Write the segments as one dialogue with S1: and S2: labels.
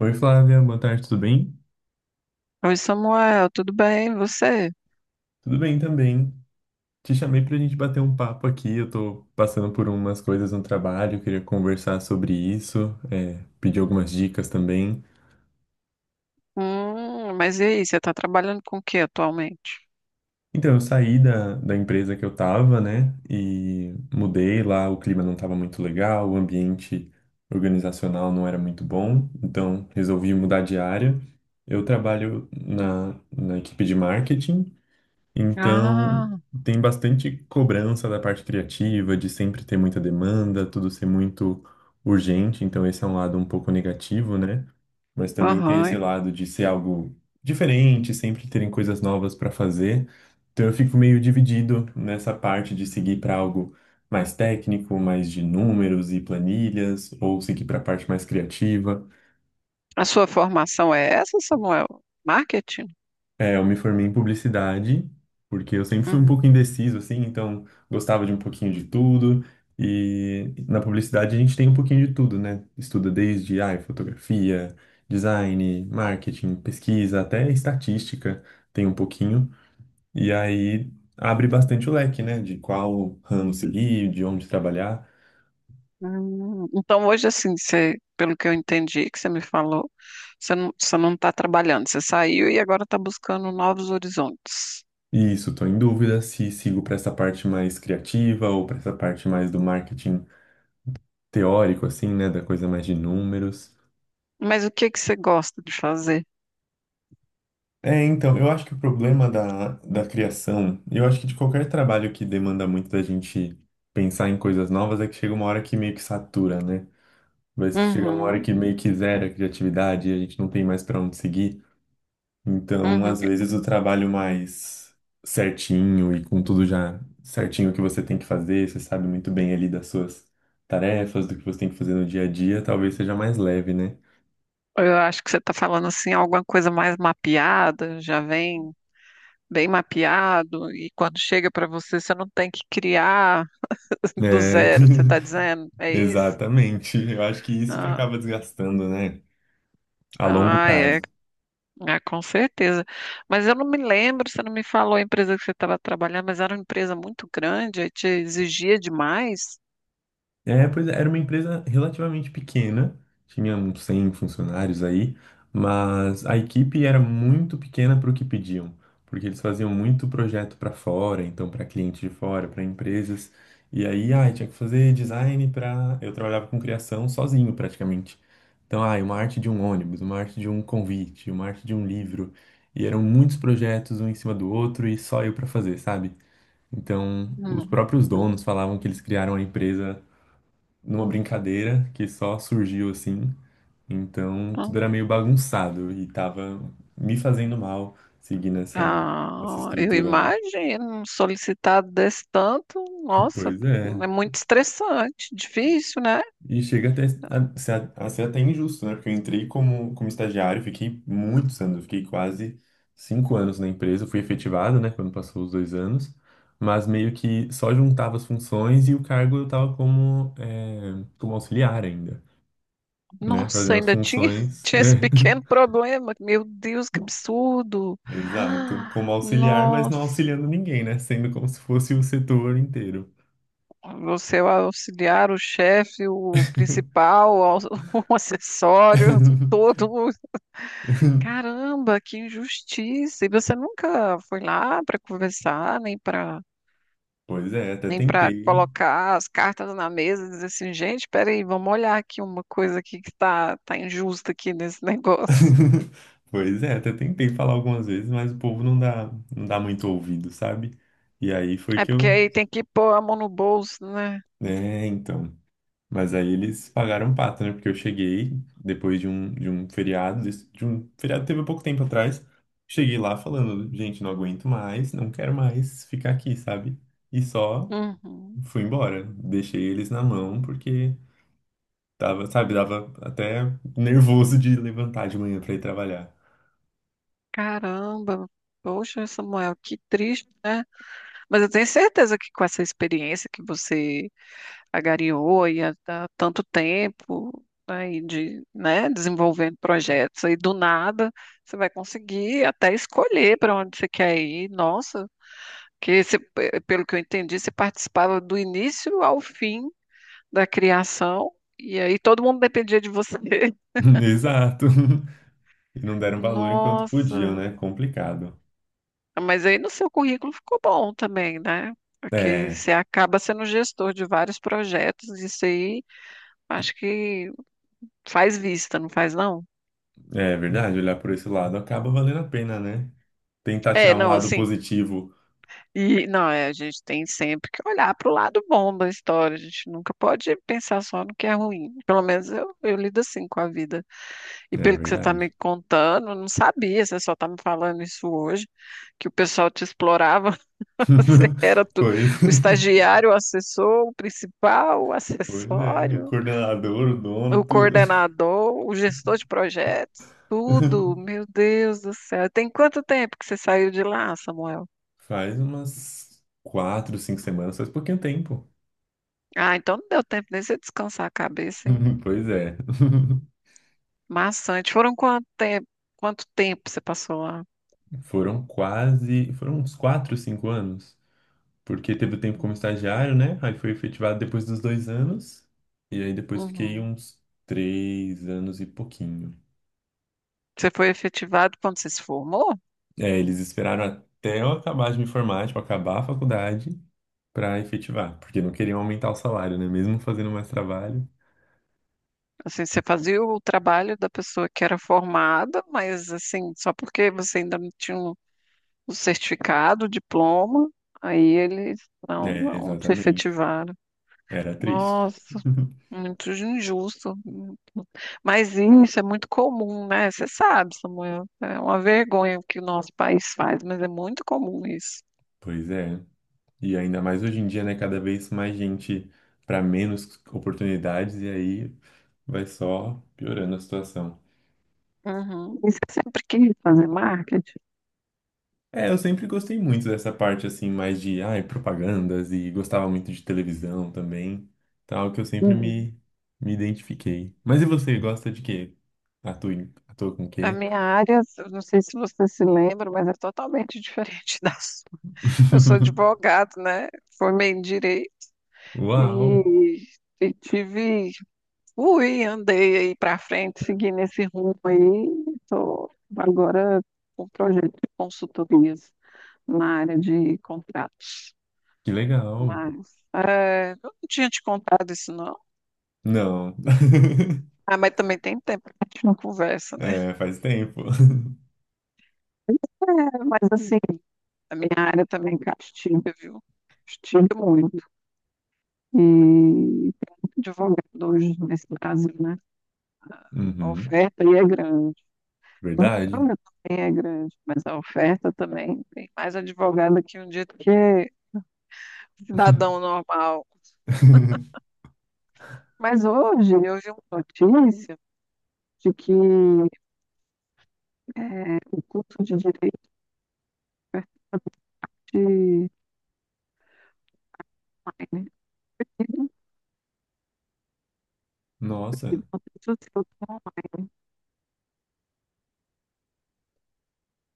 S1: Oi, Flávia, boa tarde, tudo bem?
S2: Oi, Samuel, tudo bem? E você?
S1: Tudo bem também. Te chamei para a gente bater um papo aqui. Eu tô passando por umas coisas no trabalho, queria conversar sobre isso, pedir algumas dicas também.
S2: Mas e aí, você está trabalhando com o que atualmente?
S1: Então, eu saí da empresa que eu tava, né, e mudei lá. O clima não tava muito legal, o ambiente organizacional não era muito bom, então resolvi mudar de área. Eu trabalho na equipe de marketing. Então,
S2: Ah,
S1: tem bastante cobrança da parte criativa, de sempre ter muita demanda, tudo ser muito urgente. Então, esse é um lado um pouco negativo, né? Mas também tem esse
S2: aham.
S1: lado de ser algo diferente, sempre terem coisas novas para fazer. Então, eu fico meio dividido nessa parte de seguir para algo mais técnico, mais de números e planilhas, ou seguir para a parte mais criativa.
S2: A sua formação é essa, Samuel? Marketing?
S1: É, eu me formei em publicidade, porque eu sempre fui um pouco
S2: Uhum.
S1: indeciso, assim, então gostava de um pouquinho de tudo. E na publicidade a gente tem um pouquinho de tudo, né? Estuda desde, ai, fotografia, design, marketing, pesquisa, até estatística tem um pouquinho. E aí abre bastante o leque, né? De qual ramo seguir, de onde trabalhar.
S2: Então, hoje, assim, você, pelo que eu entendi que você me falou, você não está trabalhando, você saiu e agora está buscando novos horizontes.
S1: E isso, estou em dúvida se sigo para essa parte mais criativa ou para essa parte mais do marketing teórico, assim, né? Da coisa mais de números.
S2: Mas o que que você gosta de fazer?
S1: É, então, eu acho que o problema da criação, eu acho que de qualquer trabalho que demanda muito da gente pensar em coisas novas, é que chega uma hora que meio que satura, né? Vai chegar uma hora
S2: Uhum,
S1: que meio que zera a criatividade e a gente não tem mais para onde seguir. Então,
S2: uhum.
S1: às vezes, o trabalho mais certinho e com tudo já certinho que você tem que fazer, você sabe muito bem ali das suas tarefas, do que você tem que fazer no dia a dia, talvez seja mais leve, né?
S2: Eu acho que você está falando, assim, alguma coisa mais mapeada, já vem. Bem mapeado, e quando chega para você, você não tem que criar do
S1: É,
S2: zero, você está dizendo, é isso?
S1: exatamente. Eu acho que isso que
S2: Ah,
S1: acaba desgastando, né? A longo
S2: ah, é,
S1: prazo.
S2: ah, com certeza. Mas eu não me lembro, você não me falou a empresa que você estava trabalhando, mas era uma empresa muito grande, aí te exigia demais.
S1: É, pois é, era uma empresa relativamente pequena, tinha uns 100 funcionários aí, mas a equipe era muito pequena para o que pediam, porque eles faziam muito projeto para fora, então para clientes de fora, para empresas, e aí, ai, tinha que fazer design para. Eu trabalhava com criação sozinho praticamente. Então, ai, uma arte de um ônibus, uma arte de um convite, uma arte de um livro, e eram muitos projetos um em cima do outro e só eu para fazer, sabe? Então, os
S2: Hum,
S1: próprios
S2: hum,
S1: donos falavam que eles criaram a empresa numa brincadeira que só surgiu assim. Então, tudo
S2: hum.
S1: era meio bagunçado e tava me fazendo mal seguir nessa, nessa
S2: Ah, eu
S1: estrutura, né?
S2: imagino, um solicitado desse tanto, nossa,
S1: Pois é.
S2: é muito estressante, difícil, né?
S1: E chega até a ser até injusto, né? Porque eu entrei como estagiário, fiquei muitos anos, eu fiquei quase cinco anos na empresa, fui efetivado, né? Quando passou os dois anos, mas meio que só juntava as funções e o cargo eu tava como, como auxiliar ainda. Né?
S2: Nossa,
S1: Fazendo as
S2: ainda tinha,
S1: funções.
S2: tinha esse pequeno problema. Meu Deus, que absurdo!
S1: É. Exato.
S2: Ah,
S1: Como auxiliar, mas
S2: nossa,
S1: não auxiliando ninguém, né? Sendo como se fosse o setor inteiro.
S2: você é o auxiliar, o chefe, o principal, o o acessório, todo. Mundo. Caramba, que injustiça! E você nunca foi lá para conversar,
S1: Pois é, até
S2: nem para
S1: tentei.
S2: colocar as cartas na mesa e dizer assim, gente, peraí, vamos olhar aqui uma coisa aqui que tá injusta aqui nesse negócio.
S1: Pois é, até tentei falar algumas vezes, mas o povo não dá muito ouvido, sabe? E aí foi
S2: É
S1: que
S2: porque
S1: eu.
S2: aí tem que pôr a mão no bolso, né?
S1: É, então. Mas aí eles pagaram pato, né? Porque eu cheguei depois de um feriado, de um feriado que teve há pouco tempo atrás. Cheguei lá falando, gente, não aguento mais, não quero mais ficar aqui, sabe? E só
S2: Uhum.
S1: fui embora. Deixei eles na mão, porque tava, sabe, dava até nervoso de levantar de manhã pra ir trabalhar.
S2: Caramba, poxa, Samuel, que triste, né? Mas eu tenho certeza que com essa experiência que você agariou aí há tanto tempo, aí de, né, desenvolvendo projetos, aí do nada você vai conseguir até escolher para onde você quer ir. Nossa, que você, pelo que eu entendi, você participava do início ao fim da criação, e aí todo mundo dependia de você.
S1: Exato. E não deram valor enquanto podiam,
S2: Nossa.
S1: né? Complicado.
S2: Mas aí no seu currículo ficou bom também, né? Porque
S1: É,
S2: você acaba sendo gestor de vários projetos, isso aí acho que faz vista, não faz não?
S1: é verdade, olhar por esse lado acaba valendo a pena, né? Tentar
S2: É,
S1: tirar um
S2: não,
S1: lado
S2: assim,
S1: positivo.
S2: e não, é, a gente tem sempre que olhar para o lado bom da história, a gente nunca pode pensar só no que é ruim. Pelo menos eu lido assim com a vida. E
S1: É
S2: pelo que você está me
S1: verdade.
S2: contando, eu não sabia, você só está me falando isso hoje, que o pessoal te explorava. Você era tudo.
S1: Pois,
S2: O estagiário, o assessor, o principal, o
S1: pois é, o
S2: acessório,
S1: coordenador, o
S2: o
S1: dono, tudo.
S2: coordenador, o gestor de projetos, tudo. Meu Deus do céu. Tem quanto tempo que você saiu de lá, Samuel?
S1: Faz umas quatro, cinco semanas, faz pouquinho tempo.
S2: Ah, então não deu tempo nem você descansar a cabeça, hein?
S1: Pois é.
S2: Maçante. Quanto tempo você passou lá?
S1: Foram uns quatro, cinco anos. Porque teve o tempo como estagiário, né? Aí foi efetivado depois dos dois anos. E aí depois fiquei
S2: Uhum.
S1: uns três anos e pouquinho.
S2: Você foi efetivado quando você se formou?
S1: É, eles esperaram até eu acabar de me formar, tipo, acabar a faculdade. Para efetivar, porque não queriam aumentar o salário, né? Mesmo fazendo mais trabalho.
S2: Assim, você fazia o trabalho da pessoa que era formada, mas assim, só porque você ainda não tinha um o certificado, o diploma, aí eles
S1: É,
S2: não te
S1: exatamente.
S2: efetivaram.
S1: Era triste.
S2: Nossa, muito injusto. Mas isso é muito comum, né? Você sabe, Samuel, é uma vergonha o que o nosso país faz, mas é muito comum isso.
S1: Pois é. E ainda mais hoje em dia, né? Cada vez mais gente para menos oportunidades e aí vai só piorando a situação.
S2: Uhum. E você sempre quis fazer marketing?
S1: É, eu sempre gostei muito dessa parte assim, mais de, ai, propagandas e gostava muito de televisão também, tal, que eu sempre
S2: Uhum.
S1: me identifiquei. Mas e você, gosta de quê? Atua com o
S2: A
S1: quê?
S2: minha área, eu não sei se você se lembra, mas é totalmente diferente da sua. Eu sou advogado, né? Formei em direito
S1: Uau!
S2: e, e tive ui, andei aí para frente, seguindo esse rumo aí. Estou agora com um projeto de consultorias na área de contratos.
S1: Que legal.
S2: Mas é, eu não tinha te contado isso, não.
S1: Não.
S2: Ah, mas também tem tempo que a gente não conversa, né?
S1: É, faz tempo.
S2: É, mas assim, a minha área também castiga, viu? Castiga muito. E tem muito advogado hoje nesse Brasil, né? A
S1: Uhum.
S2: oferta aí é grande. A
S1: Verdade.
S2: demanda também é grande, mas a oferta também tem mais advogado aqui um dia do que é cidadão normal. Mas hoje eu vi uma notícia de que é, o curso de direito de online é reduzido.
S1: Nossa,
S2: Uma pessoa se eu não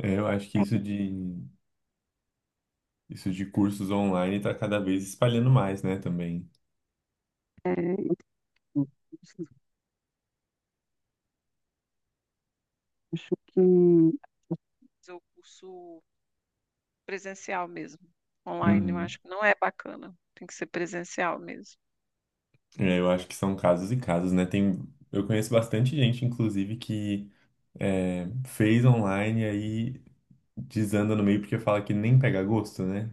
S1: é, eu acho que isso
S2: tenho,
S1: de isso de cursos online está cada vez espalhando mais, né, também.
S2: é, acho que fazer o curso presencial mesmo. Online, eu
S1: Uhum.
S2: acho que não é bacana. Tem que ser presencial mesmo.
S1: É, eu acho que são casos e casos, né? Tem, eu conheço bastante gente, inclusive, que é, fez online e aí desanda no meio porque fala que nem pega gosto, né?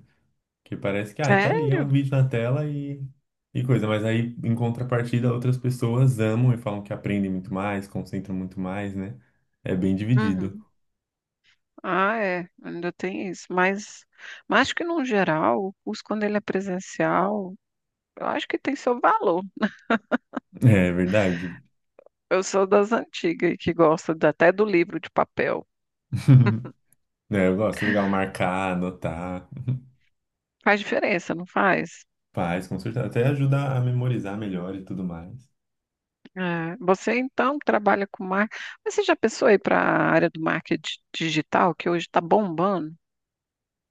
S1: Que parece que, ah, tá ali, é um
S2: Sério?
S1: vídeo na tela e coisa. Mas aí, em contrapartida, outras pessoas amam e falam que aprendem muito mais, concentram muito mais, né? É bem dividido.
S2: Uhum. Ah, é, ainda tem isso. Mas acho que, no geral, o curso, quando ele é presencial, eu acho que tem seu valor.
S1: É verdade.
S2: Eu sou das antigas que gosta até do livro de papel.
S1: É, eu gosto, legal marcar, anotar,
S2: Faz diferença, não faz?
S1: faz, com certeza. Até ajuda a memorizar melhor e tudo mais.
S2: É, você, então, trabalha com marketing. Mas você já pensou aí para a área do marketing digital, que hoje está bombando?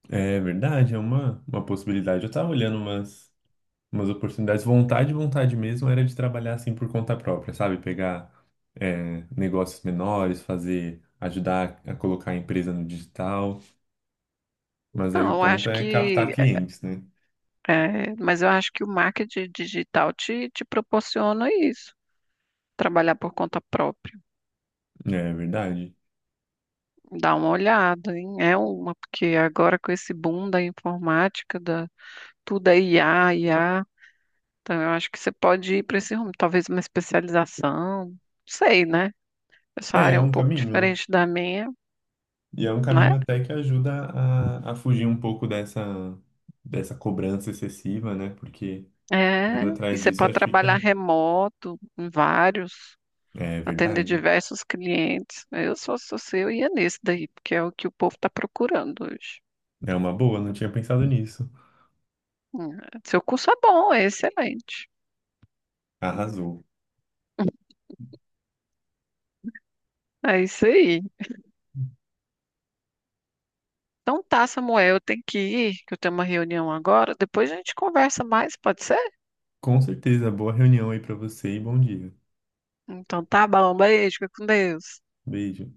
S1: É verdade, é uma possibilidade. Eu tava olhando umas. Umas oportunidades. Vontade, vontade mesmo era de trabalhar assim por conta própria, sabe? Pegar negócios menores, fazer, ajudar a colocar a empresa no digital. Mas aí
S2: Não,
S1: o
S2: eu
S1: ponto
S2: acho
S1: é captar
S2: que...
S1: clientes, né?
S2: É, mas eu acho que o marketing digital te proporciona isso, trabalhar por conta própria.
S1: É verdade.
S2: Dá uma olhada, hein? É uma, porque agora com esse boom da informática, da, tudo é IA, IA, então eu acho que você pode ir para esse rumo, talvez uma especialização, não sei, né? Essa
S1: É,
S2: área é
S1: é
S2: um
S1: um
S2: pouco
S1: caminho.
S2: diferente da minha,
S1: E é um
S2: né?
S1: caminho até que ajuda a fugir um pouco dessa, dessa cobrança excessiva, né? Porque
S2: É,
S1: indo
S2: e
S1: atrás
S2: você
S1: disso,
S2: pode
S1: acho que
S2: trabalhar
S1: fica.
S2: remoto, em vários,
S1: É
S2: atender
S1: verdade.
S2: diversos clientes. Eu, só sou você, eu ia nesse daí, porque é o que o povo está procurando hoje.
S1: É uma boa, não tinha pensado nisso.
S2: Hum, Seu curso é bom, é excelente.
S1: Arrasou.
S2: É isso aí. Então tá, Samuel, eu tenho que ir, que eu tenho uma reunião agora. Depois a gente conversa mais, pode ser?
S1: Com certeza, boa reunião aí pra você e bom dia.
S2: Então tá bom, beijo, fica com Deus.
S1: Beijo.